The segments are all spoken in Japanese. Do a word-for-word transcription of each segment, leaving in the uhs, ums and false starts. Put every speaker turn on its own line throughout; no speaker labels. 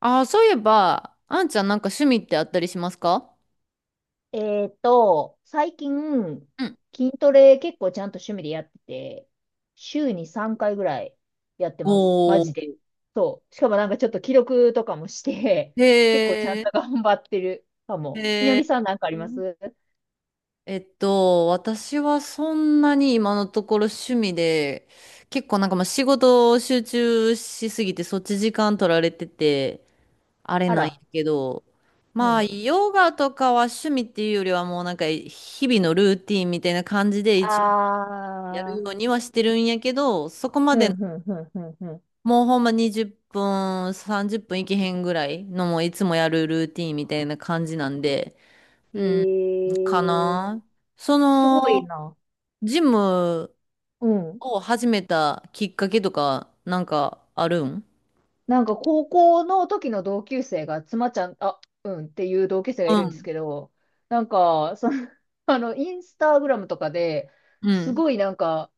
ああ、そういえば、あんちゃんなんか趣味ってあったりしますか。
えーっと、最近、
うん。
筋トレ結構ちゃんと趣味でやってて、週にさんかいぐらいやってます。マ
お
ジ
ー。
で。そう。しかもなんかちょっと記録とかもして、
へ
結構ちゃん
え。
と頑張ってるかも。みの
へ
りさんなんかありま
ー、
す？
えっと、私はそんなに今のところ趣味で、結構なんかまあ仕事を集中しすぎてそっち時間取られてて、あれ
あ
なんや
ら。
けど、
う
まあ
ん。
ヨガとかは趣味っていうよりはもうなんか日々のルーティンみたいな感じで一応やる
あ
ように
ー。
はしてるんやけど、そこま
う
で
ん、うん、うん、うん、う
もうほんまにじゅっぷん、さんじゅっぷんいけへんぐらいのもういつもやるルーティンみたいな感じなんで、
ん。
うん、
え
か
ー、
な。そ
すごい
の、
な。
ジム
うん。
を始めたきっかけとか、なんかあるん？
なんか高校の時の同級生が、妻ちゃん、あ、うんっていう同級生が
う
いるんです
ん。
けど、なんか、その、あの、インスタグラムとかで、
う
す
ん。
ごいなんか、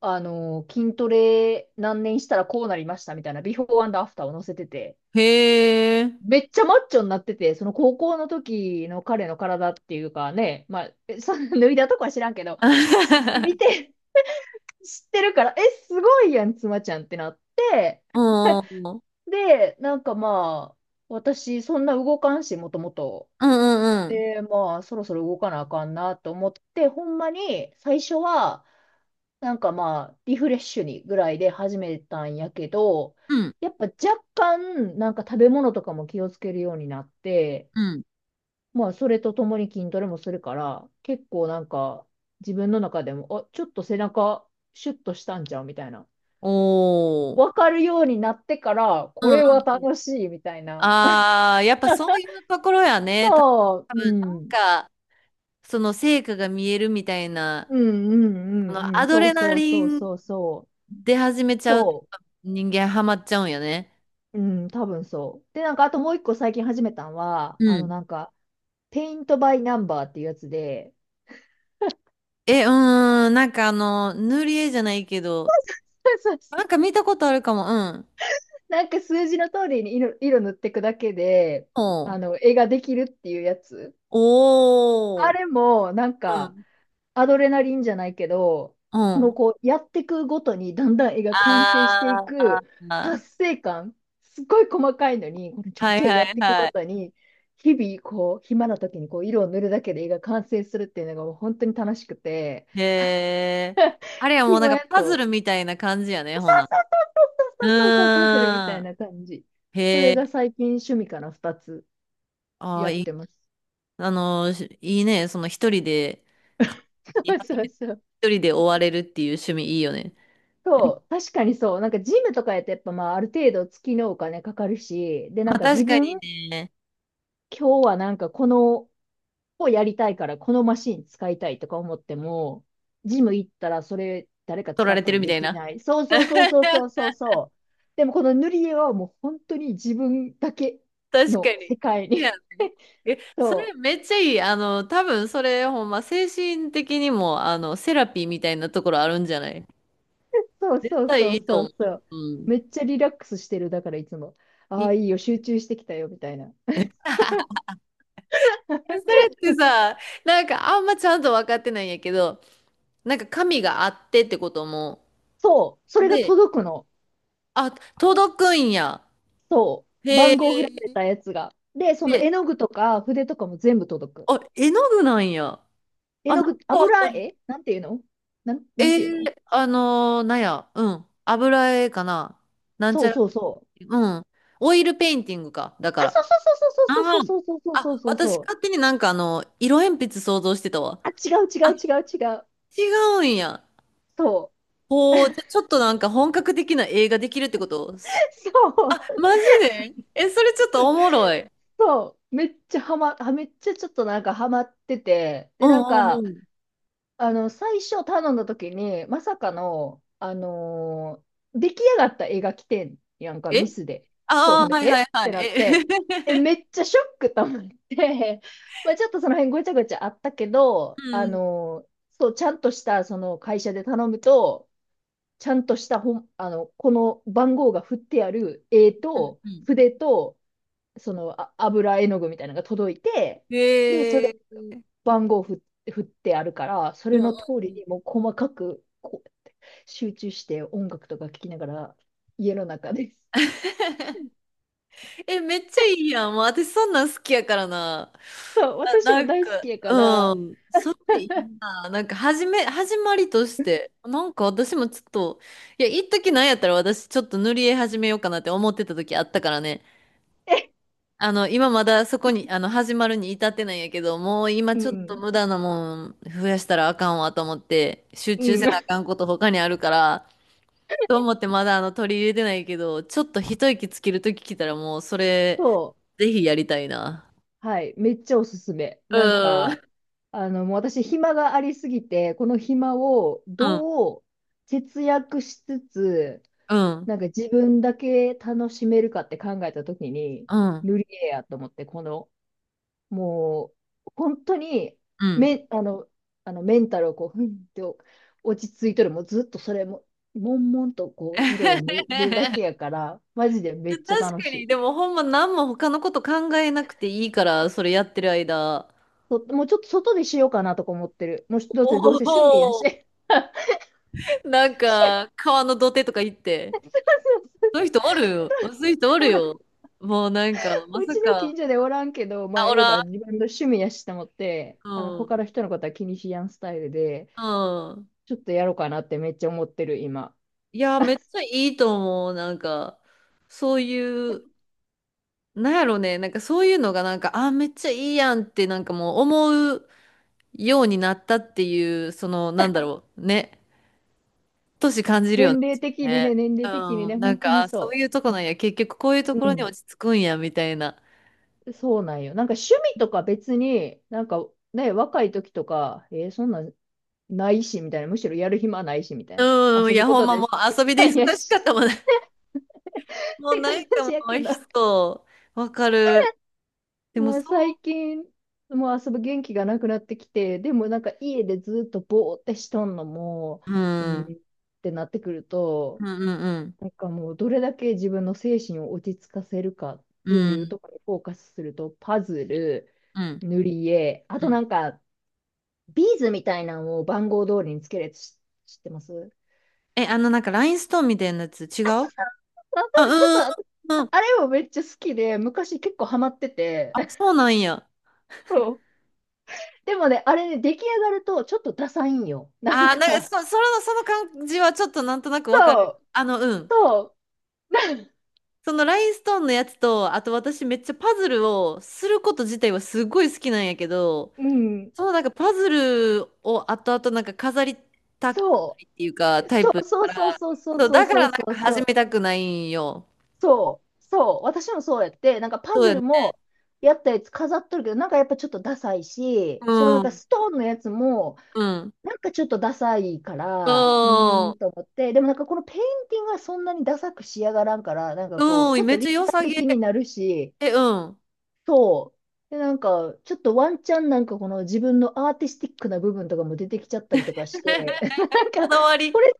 あの、筋トレ何年したらこうなりましたみたいな、ビフォーアフターを載せてて、
へえ。
めっちゃマッチョになってて、その高校の時の彼の体っていうかね、まあ、えその脱いだとこは知らんけど、し見 て、知ってるから、え、すごいやん、妻ちゃんってなって、
おー。
で、なんかまあ、私、そんな動かんし、もともと。
うんうんうん。
で、まあ、そろそろ動かなあかんなと思って、ほんまに最初は、なんかまあ、リフレッシュにぐらいで始めたんやけど、
うん。
やっぱ若干、なんか食べ物とかも気をつけるようになって、
うん。
まあ、それとともに筋トレもするから、結構なんか、自分の中でも、あ、ちょっと背中、シュッとしたんちゃうみたいな。
お
わ
ー。
かるようになってから、
う
こ
んうん。あ
れは楽しいみたいな。
あー、やっぱそういうところやね。た
そう、
多分
う
なん
ん。
か、その成果が見えるみたいな、
うんうん
あ
う
の、
んう
ア
ん。
ド
そう
レナ
そう
リ
そう
ン
そうそう。
出始めちゃうと
そ
人間ハマっちゃうんよね。
う。うん、多分そう。で、なんか、あともう一個最近始めたんは、
う
あの、
ん。
なんか、ペイントバイナンバーっていうやつで、
え、うーん、なんかあの、塗り絵じゃないけど、
そうそうそ
な
う。
んか見たことあるかも、うん。
なんか数字の通りに色、色塗っていくだけで、
おう。
あの、絵ができるっていうやつ。
お
あ
ー、
れも、なん
う
か、
ん、
アドレナリンじゃないけど、
う
この
ん。
こう、やっていくごとにだんだん絵が完成してい
あ
く
ー、
達成感、すっごい細かいのに、このちょい
はい
ちょい
は
やっ
い
ていくご
は
と
い。
に、日々こう、暇な時にこう、色を塗るだけで絵が完成するっていうのがもう本当に楽しくて、
へえ。あれはもうなん
暇
か
や
パズ
と、
ルみたいな感じやね、ほな。う
そうそうそう、パズルみた
ー
い
ん。
な感じ。そ
へ
れ
え。
が最近趣味からふたつ
ああ
やっ
いい、
てます。
あの、しいいね。その一人で、か
そう
初
そう
めて
そう。
一人で追われるっていう趣味いいよね。
そう、確かにそう。なんかジムとかやってやっぱまあある程度月のお金かかるし、でな
ま
ん
あ
か
確
自
かに、
分
ね、
今日はなんかこのをやりたいから、このマシン使いたいとか思っても、ジム行ったらそれ誰か
取
使
ら
っ
れ
て
て
て
るみ
で
たい
き
な。
ない。そうそうそうそう そうそうそう。でもこの塗り絵はもう本当に自分だけ
確か
の
に。
世界
そうや
に。
ね。え、それ
そ
めっちゃいい。あの、多分それほんま精神的にも、あの、セラピーみたいなところあるんじゃない？
う。そう
絶
そう
対
そ
い
う
いと
そ
思
う
う。
そう。
うん。
めっちゃリラックスしてる。だからいつも、
い
ああ、
い。
いいよ、集中してきたよ、みたいな。
え、それってさ、なんかあんまちゃんと分かってないんやけど、なんか神があってってことも、
そう、それが
で、
届くの。
あ、届くんや。
そう。
へ
番号振られ
え。
たやつが。で、その
で、
絵の具とか筆とかも全部届く。
あ、絵の具なんや。
絵
あ、なん
の具、
かわ
油
かる。
絵なんていうの？なん、なん
え
ていうの？
ー、あのーなんや、うん。油絵かな。なんち
そう
ゃら、
そうそう。
うん。オイルペインティングか。だか
あ、そ
ら。
うそうそうそうそ
あ
う
ー、
そうそうそうそう
あ、
そうそ
私勝
う。
手になんかあの、色鉛筆想像してたわ。
あ、違う違
あ、
う違う違う。
違うんや。
そう。
ほう、じゃ、ちょっとなんか本格的な映画できるってこと？
そ
あ、
う。
マジでえ、それちょっとおもろい。
そう。めっちゃはま、は、めっちゃちょっとなんかハマってて。
う
で、なん
んう
か、
んうん。
あの、最初頼んだ時に、まさかの、あのー出来上がった絵が来てんやんか、
え、
ミスで。そう、
あ
ほ
あ
ん
ー、
で、
はい
え
はい
っ
はい。
てなっ
え
て、え、めっちゃショックと思って、まあちょっとその辺ごちゃごちゃあったけど、
う
あ
ん
のーそう、ちゃんとした、その会社で頼むと、ちゃんとしたほん、あの、この番号が振ってある絵
うん
と、
うん。
筆と、その、あ、油絵の具みたいなのが届いて、で、そ
へ
れ
え。
番号ふ、振ってあるから、そ
う
れ
んうん
の通り
うん。
にもう細かくこう集中して音楽とか聴きながら家の中です。
え、めっちゃいいやん。もう私そんなん好きやからな。
そう
あ、
私
な
も
ん
大好
か、
きやか
う
ら、
ん。それでいいな。なんか、始め、始まりとして、なんか私もちょっと、いや、一時なんやったら私ちょっと塗り絵始めようかなって思ってた時あったからね。
え
あの、今まだそこに、あの、始まるに至ってないんやけど、もう今
う
ちょっと
ん、
無駄なもん増やしたらあかんわと思って、集
う
中せ
ん、
なあかん こと他にあるから、と思ってまだあの取り入れてないけど、ちょっと一息つけるとき来たらもうそれ、
そ
ぜひやりたいな。
う、はい、めっちゃおすすめ。なん
うん。
か、あの、もう私、暇がありすぎて、この暇を
うん、
どう節約しつつ、
うん、
なんか自分だけ楽しめるかって考えたときに、
うん、
塗り絵やと思って、このもう、本当に、
うん。
め、あの、あのメンタルをこう、ふんって落ち着いとる、もうずっとそれも、悶々とこう、色を塗るだ けやから、マジでめっちゃ
確
楽
か
し
に、
い。
でもほんま何も他のこと考えなくていいから、それやってる間。
ともうちょっと外でしようかなとか思ってる。もうどうせどう
お、
せ趣味や
お、
し。
なん
そう
か、川の土手とか行って、
そう
そういう
そう。
人おるよ。そういう人おる
ほら、
よ。もうなんか、ま
う
さ
ちの
か、
近所でおらんけど、まあ、
あ、お
エヴ
らん、
ァ自分の趣味やしと思って、
う
あの、
ん、
他の人のことは気にしやんスタイルで、
うん。
ちょっとやろうかなってめっちゃ思ってる、今。
いや、めっちゃいいと思う。なんか、そういう、なんやろね、なんかそういうのがなんか、あ、めっちゃいいやんって、なんかもう思うようになったっていう、その、なんだろう、ね、年感じるよね。
年齢的にね、
ね、
年齢的に
う
ね、
ん、な
本
ん
当
か、
に
あ、そう
そ
いうとこなんや、結局こういうと
う。
こ
う
ろに
ん。
落ち着くんや、みたいな。
そうなんよ。なんか趣味とか別に、なんかね、若い時とか、えーそんなんないし、みたいな。むしろやる暇ないし、みたいな。
うん、い
遊ぶ
や、
こ
ほん
と
ま
で
もう
す。
遊びで忙
よ
しか
し
ったもんね。
っ
もう
て感
なんかも
じやけ
う
ど、
人、わかる。でも
も
そ
う最近、もう遊ぶ元気がなくなってきて、でもなんか家でずっとぼーってしとんのも、
う、う
う
ん、
ん
う
っ
ん
てなってくる
う
と、
ん
なんかもうどれだけ自分の精神を落ち着かせるかっ
うん、
てい
う
う
ん、
ところにフォーカスすると、パズル、
うん、
塗り絵、あ
う
とな
ん。
んかビーズみたいなのを番号通りにつけるやつ知ってますわ
え、あの、なんか、ラインストーンみたいなやつ、違う？
か
あ、
るそう。
うーん、うん。
あれもめっちゃ好きで、昔結構ハマってて。
あ、そうなんや。
そう。でもね、あれね、出来上がるとちょっとダサいんよ。なん
あー、なんか、そ、
か、
その、その感じはちょっとなんとなくわかる。
そう、
あの、うん。
そ
そのラインストーンのやつと、あと私めっちゃパズルをすること自体はすごい好きなんやけど、
う、うん、
そのなんかパズルを後々なんか飾りたくな
そ
いっ
う、
ていうか、タイ
そ
プ。
うそうそうそう
そう、
そう
だから
そ
な
う
ん
そ
か
うそ
始
う、
めたくないんよ。
そう、そう私もそうやって、なんかパ
そう
ズ
やね。
ルもやったやつ飾っとるけど、なんかやっぱちょっとダサいし、
う
そのなんか
ん、
ストーンのやつも、
うん。
なんかちょっとダサいか
う
ら、うーん。
ん。
と思って、でもなんかこのペインティングはそんなにダサく仕上がらんから、なんかこう、
う
ち
ん、
ょっ
め
と
っちゃ
立
良さ
体
げ。
的になるし、
え、うん。
そう。で、なんか、ちょっとワンチャンなんかこの自分のアーティスティックな部分とかも出てきちゃったりとかして、な
こ
んか、
だわ
こ
り。
れ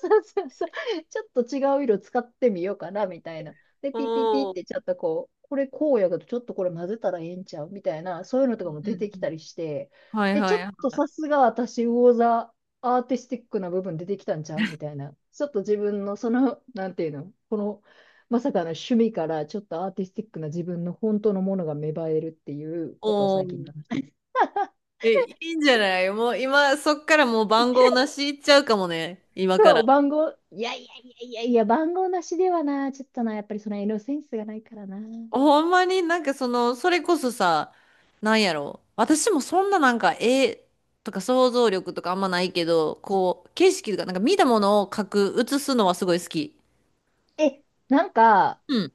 そうそうそう。ちょっと違う色使ってみようかな、みたいな。で、
お
ピピピっ
ー。
てちょっとこう、これこうやけど、ちょっとこれ混ぜたらええんちゃうみたいな、そういうのとかも
う
出
ん
て
う
きた
ん。
りして、
はい
え、
は
ちょっ
いはい。
とさすが私、魚座アーティスティックな部分出てきたんちゃうみたいな。ちょっと自分のその、なんていうの、この、まさかの趣味からちょっとアーティスティックな自分の本当のものが芽生えるっていうことを
お
最近
ー。
だな。
え、いいんじゃない？もう今、そっからもう番号なしいっちゃうかもね。今か
そ
ら。
う、番号、いやいやいやいやいや、番号なしではな、ちょっとな、やっぱりその色センスがないからな。
ほんまになんかその、それこそさ、なんやろう私もそんななんか絵とか想像力とかあんまないけど、こう、景色とか、なんか見たものを描く、写すのはすごい好き。
え、なんか、
うん、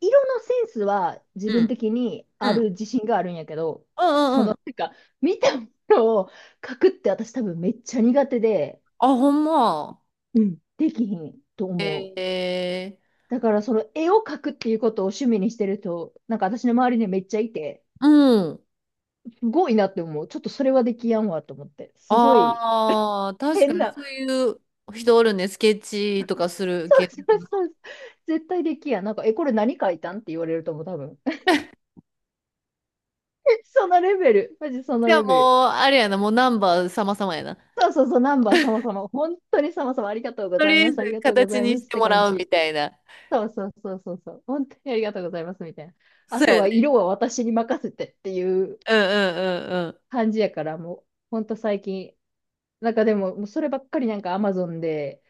色のセンスは自
う
分
ん、
的に
う
ある
ん。
自信があるんやけど、
うんう
そ
んうん。
の、なんか、見たものを書くって私多分めっちゃ苦手で、
あ、ほんま。
うん。できひんと思う。
え
だからその絵を描くっていうことを趣味にしてる人、なんか私の周りにめっちゃいて、
ー、うん。
すごいなって思う。ちょっとそれはできやんわと思って。すごい
ああ、確か
変
に
な、
そういう人おるね。スケッチとかする
そ
系
う
の
そ
人
う
な。
そう。絶対できやん。なんか、え、これ何書いたんって言われると思う、多分。そのレベル。マジその
じゃあ
レベル。
もう、あれやな、もうナンバー様々やな。
そうそうそう、ナンバー様様。本当に様様ありがとうご
と
ざ
り
い
あえ
ます。あり
ず
がとうご
形
ざい
に
ま
し
すっ
て
て
も
感
らうみ
じ。
たいな。
そうそうそうそうそう。本当にありがとうございますみたいな。あ
そう
と
や
は
ね。
色は私に任せてっていう
うんうん
感じやから、もう、本当最近。なんかでも、もうそればっかりなんか Amazon で、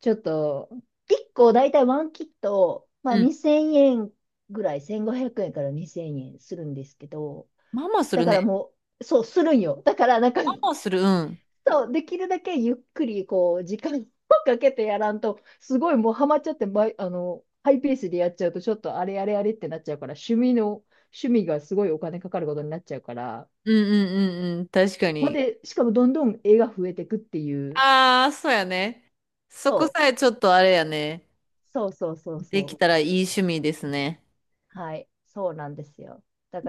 ちょっと、いっこ大体ワンキット、ま
う
あ
んうん。うん。
にせんえんぐらい、せんごひゃくえんからにせんえんするんですけど、
ママする
だから
ね。
もう、そう、するんよ。だからなんか、
ママする、うん。
そう、できるだけゆっくり、こう、時間をかけてやらんと、すごいもうハマっちゃって、ま、あの、ハイペースでやっちゃうと、ちょっとあれあれあれってなっちゃうから、趣味の、趣味がすごいお金かかることになっちゃうから、
うんうんうんうん。確か
ほん
に。
で、しかもどんどん絵が増えてくっていう、
ああ、そうやね。そ
そ
こさえちょっとあれやね。
う、そうそうそう
で
そ
きたらいい趣味ですね。
う、はい、そうなんですよ。だ